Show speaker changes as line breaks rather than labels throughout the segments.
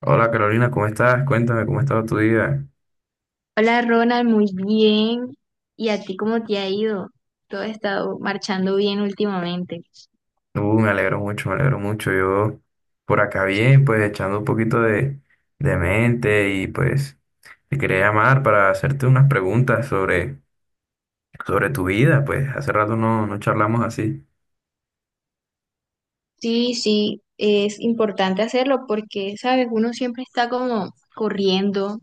Hola Carolina, ¿cómo estás? Cuéntame, ¿cómo ha estado tu día?
Hola Ronald, muy bien. ¿Y a ti cómo te ha ido? Todo ha estado marchando bien últimamente.
Me alegro mucho, me alegro mucho. Yo por acá bien, pues echando un poquito de mente y pues te quería llamar para hacerte unas preguntas sobre tu vida, pues hace rato no, no charlamos así.
Sí, sí, es importante hacerlo porque, sabes, uno siempre está como corriendo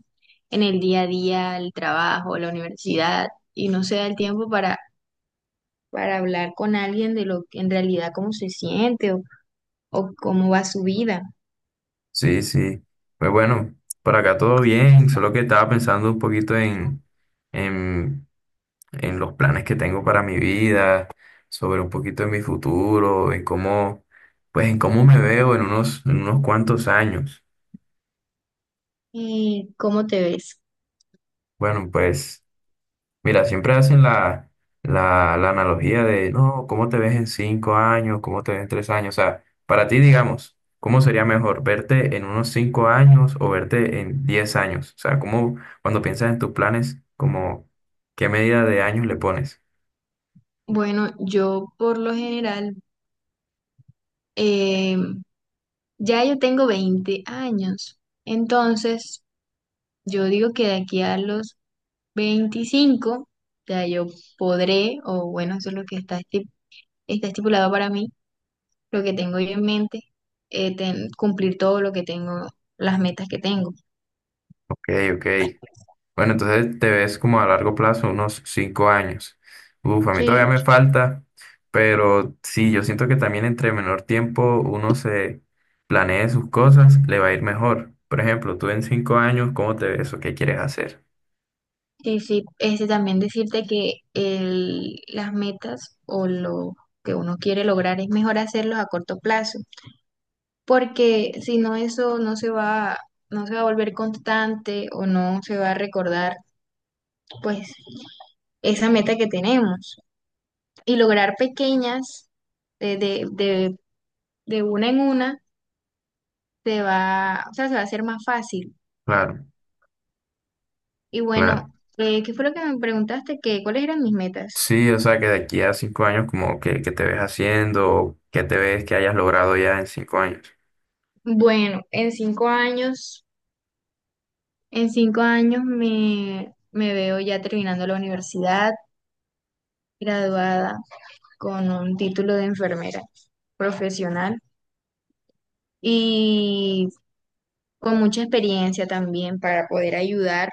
en el día a día, el trabajo, la universidad, y no se da el tiempo para hablar con alguien de lo que en realidad cómo se siente o cómo va su vida
Sí, sí. Pues bueno, por acá todo bien, solo que estaba pensando un poquito en, en los planes que tengo para mi vida, sobre un poquito de mi futuro, en cómo, pues en cómo me veo en unos cuantos años.
y cómo te ves.
Bueno, pues. Mira, siempre hacen la analogía de, no, ¿cómo te ves en 5 años? ¿Cómo te ves en 3 años? O sea, para ti, digamos, ¿cómo sería mejor verte en unos 5 años o verte en 10 años? O sea, ¿cómo, cuando piensas en tus planes, como, qué medida de años le pones?
Bueno, yo por lo general, ya yo tengo 20 años, entonces yo digo que de aquí a los 25 ya yo podré, o bueno, eso es lo que está estipulado para mí, lo que tengo yo en mente. Cumplir todo lo que tengo, las metas que tengo.
Ok, ok. Bueno, entonces te ves como a largo plazo, unos 5 años. Uf, a mí
Sí,
todavía me falta, pero sí, yo siento que también entre menor tiempo uno se planee sus cosas, le va a ir mejor. Por ejemplo, tú en 5 años, ¿cómo te ves o qué quieres hacer?
sí, sí. Este, también decirte que las metas o lo que uno quiere lograr es mejor hacerlos a corto plazo porque si no eso no se va a volver constante o no se va a recordar pues esa meta que tenemos. Y lograr pequeñas de, de, de, de una en una se va, o sea, se va a hacer más fácil.
Claro,
Y bueno,
claro.
¿qué fue lo que me preguntaste? ¿ cuáles eran mis metas?
Sí, o sea, que de aquí a 5 años, como que te ves haciendo, o qué te ves que hayas logrado ya en 5 años.
Bueno, en cinco años me veo ya terminando la universidad, graduada con un título de enfermera profesional y con mucha experiencia también para poder ayudar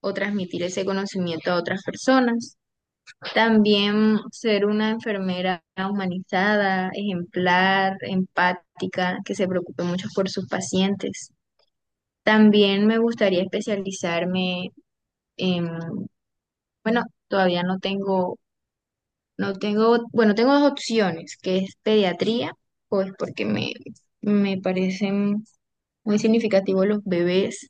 o transmitir ese conocimiento a otras personas. También ser una enfermera humanizada, ejemplar, empática, que se preocupe mucho por sus pacientes. También me gustaría especializarme en, bueno, todavía no tengo, no tengo, bueno, tengo dos opciones, que es pediatría, pues porque me parecen muy significativos los bebés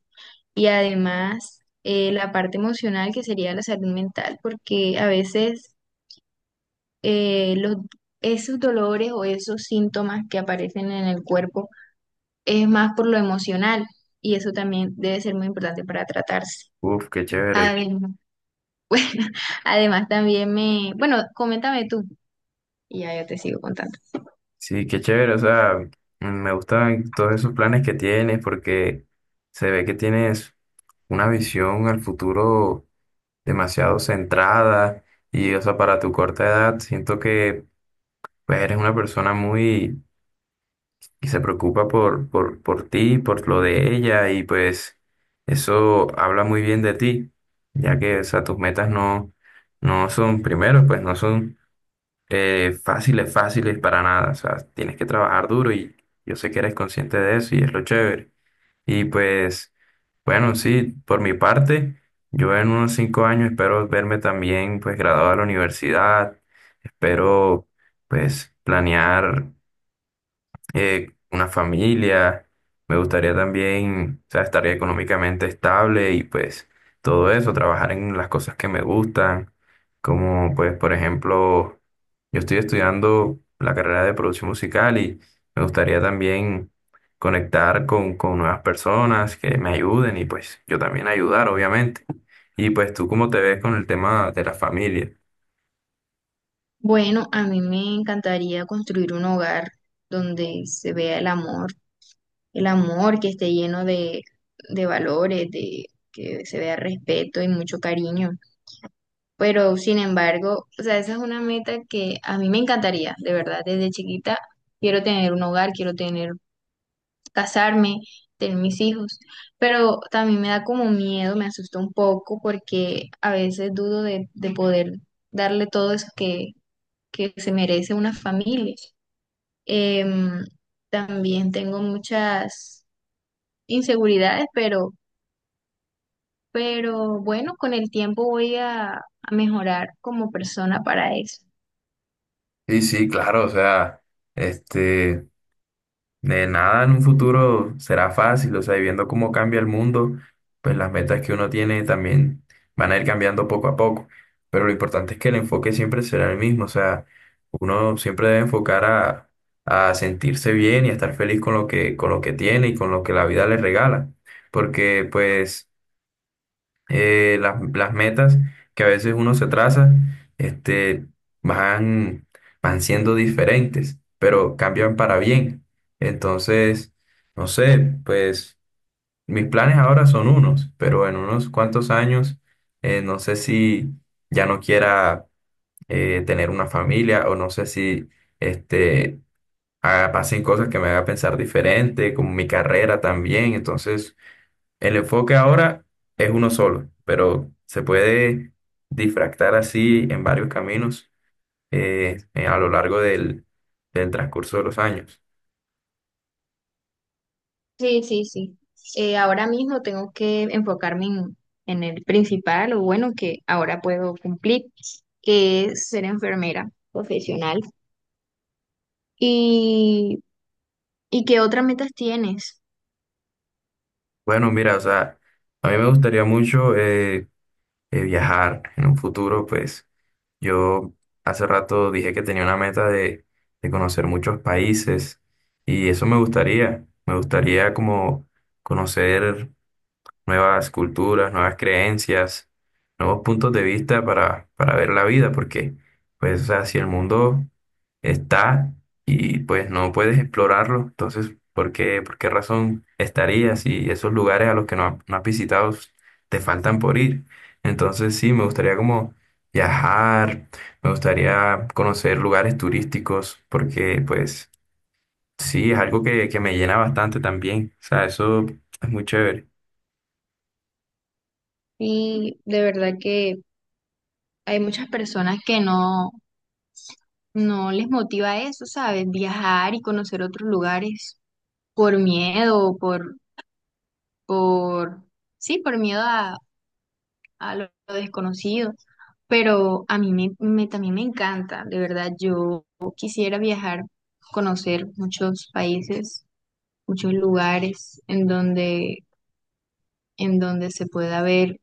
y además, la parte emocional que sería la salud mental, porque a veces eh, los, esos dolores o esos síntomas que aparecen en el cuerpo es más por lo emocional y eso también debe ser muy importante para tratarse.
Uf, qué chévere.
Además, bueno, además también me, bueno, coméntame tú y ya yo te sigo contando.
Sí, qué chévere, o sea, me gustan todos esos planes que tienes porque se ve que tienes una visión al futuro demasiado centrada y, o sea, para tu corta edad, siento que pues, eres una persona muy que se preocupa por ti, por lo de ella y pues eso habla muy bien de ti, ya que, o sea, tus metas no, no son, primero, pues no son fáciles, fáciles para nada. O sea, tienes que trabajar duro y yo sé que eres consciente de eso y es lo chévere. Y pues, bueno, sí, por mi parte, yo en unos 5 años espero verme también pues graduado de la universidad. Espero pues planear una familia, me gustaría también, o sea, estar económicamente estable y pues todo eso, trabajar en las cosas que me gustan, como pues por ejemplo, yo estoy estudiando la carrera de producción musical y me gustaría también conectar con nuevas personas que me ayuden y pues yo también ayudar, obviamente. Y pues tú cómo te ves con el tema de la familia.
Bueno, a mí me encantaría construir un hogar donde se vea el amor, que esté lleno de valores, de que se vea respeto y mucho cariño. Pero sin embargo, o sea, esa es una meta que a mí me encantaría, de verdad, desde chiquita quiero tener un hogar, quiero tener, casarme, tener mis hijos, pero también me da como miedo, me asusta un poco porque a veces dudo de poder darle todo eso que se merece una familia. Em, También tengo muchas inseguridades, pero bueno, con el tiempo voy a mejorar como persona para eso.
Sí, sí, claro, o sea, este... de nada en un futuro será fácil, o sea, y viendo cómo cambia el mundo, pues las metas que uno tiene también van a ir cambiando poco a poco. Pero lo importante es que el enfoque siempre será el mismo, o sea, uno siempre debe enfocar a sentirse bien y a estar feliz con lo que tiene y con lo que la vida le regala. Porque pues las metas que a veces uno se traza, este, van, van siendo diferentes, pero cambian para bien. Entonces, no sé, pues mis planes ahora son unos, pero en unos cuantos años, no sé si ya no quiera tener una familia o no sé si este, pasen cosas que me haga pensar diferente, como mi carrera también. Entonces, el enfoque ahora es uno solo, pero se puede difractar así en varios caminos a lo largo del transcurso de los años.
Sí, sí, sí. Ahora mismo tengo que enfocarme en el principal o bueno, que ahora puedo cumplir, que es ser enfermera profesional. ¿Y, y qué otras metas tienes?
Bueno, mira, o sea, a mí me gustaría mucho viajar en un futuro, pues yo hace rato dije que tenía una meta de conocer muchos países y eso me gustaría como conocer nuevas culturas, nuevas creencias, nuevos puntos de vista para ver la vida, porque pues, o sea, si el mundo está y pues no puedes explorarlo, entonces, ¿por qué razón estarías si esos lugares a los que no, no has visitado te faltan por ir? Entonces, sí, me gustaría como viajar, me gustaría conocer lugares turísticos, porque pues sí, es algo que me llena bastante también, o sea, eso es muy chévere.
Y de verdad que hay muchas personas que no les motiva eso, ¿sabes? Viajar y conocer otros lugares por miedo, por, sí, por miedo a lo desconocido, pero a mí también me encanta, de verdad, yo quisiera viajar, conocer muchos países, muchos lugares en donde se pueda ver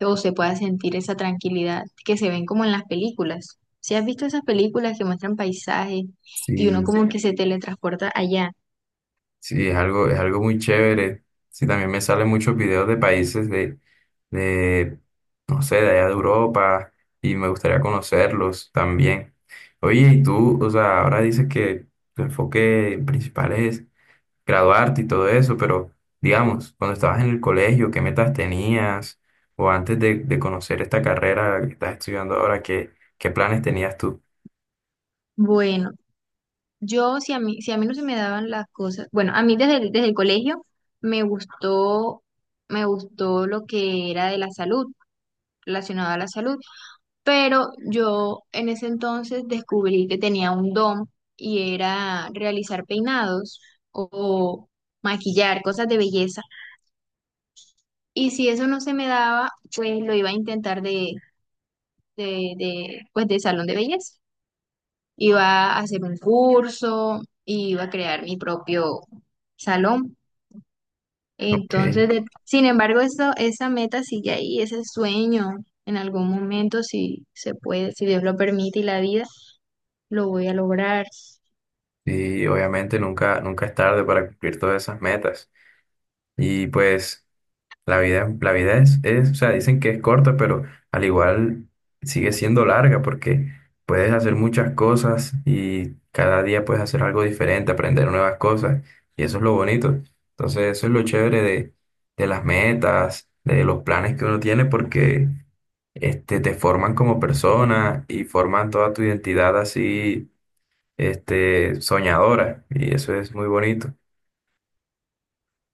o se pueda sentir esa tranquilidad que se ven como en las películas. Si has visto esas películas que muestran paisajes y uno, sí,
Sí.
como que se teletransporta allá.
Sí, es algo muy chévere. Sí, también me salen muchos videos de países de, no sé, de allá de Europa y me gustaría conocerlos también. Oye, y tú, o sea, ahora dices que tu enfoque principal es graduarte y todo eso, pero digamos, cuando estabas en el colegio, ¿qué metas tenías? O antes de conocer esta carrera que estás estudiando ahora, ¿qué, planes tenías tú?
Bueno. Yo, si a mí no se me daban las cosas, bueno, a mí desde el colegio me gustó, me gustó lo que era de la salud, relacionado a la salud, pero yo en ese entonces descubrí que tenía un don y era realizar peinados o maquillar, cosas de belleza. Y si eso no se me daba, pues lo iba a intentar pues de salón de belleza. Iba a hacer un curso, iba a crear mi propio salón.
Ok,
Entonces, sin embargo, eso, esa meta sigue ahí, ese sueño, en algún momento, si se puede, si Dios lo permite y la vida, lo voy a lograr.
y obviamente nunca, nunca es tarde para cumplir todas esas metas. Y pues la vida es, o sea, dicen que es corta, pero al igual sigue siendo larga porque puedes hacer muchas cosas y cada día puedes hacer algo diferente, aprender nuevas cosas. Y eso es lo bonito. Entonces, eso es lo chévere de las metas, de los planes que uno tiene, porque te forman como persona y forman toda tu identidad así, soñadora. Y eso es muy bonito.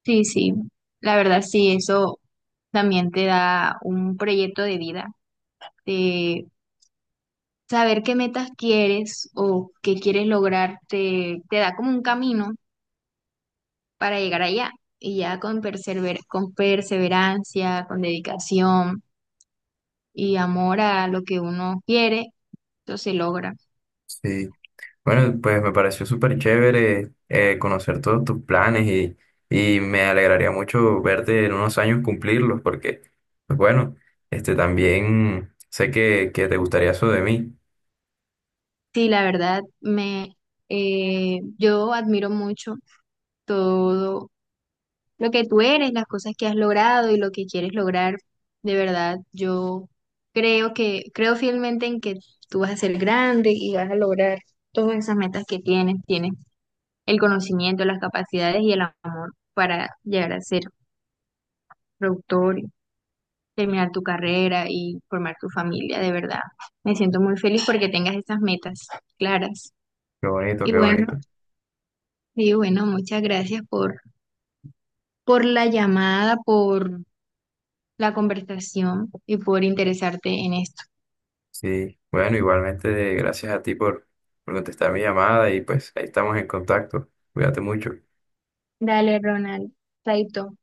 Sí, sí, la verdad sí, eso también te da un proyecto de vida, de saber qué metas quieres o qué quieres lograr, te da como un camino para llegar allá. Y ya con con perseverancia, con dedicación y amor a lo que uno quiere, eso se logra.
Sí. Bueno, pues me pareció súper chévere conocer todos tus planes y me alegraría mucho verte en unos años cumplirlos porque, pues bueno, también sé que te gustaría eso de mí.
Sí, la verdad, yo admiro mucho todo lo que tú eres, las cosas que has logrado y lo que quieres lograr. De verdad, yo creo fielmente en que tú vas a ser grande y vas a lograr todas esas metas que tienes. Tienes el conocimiento, las capacidades y el amor para llegar a ser productor, terminar tu carrera y formar tu familia. De verdad, me siento muy feliz porque tengas esas metas claras.
Qué bonito,
Y
qué
bueno.
bonito.
Sí, bueno, muchas gracias por la llamada, por la conversación y por interesarte en esto.
Sí, bueno, igualmente gracias a ti por contestar mi llamada y pues ahí estamos en contacto. Cuídate mucho.
Dale, Ronald. Chaito.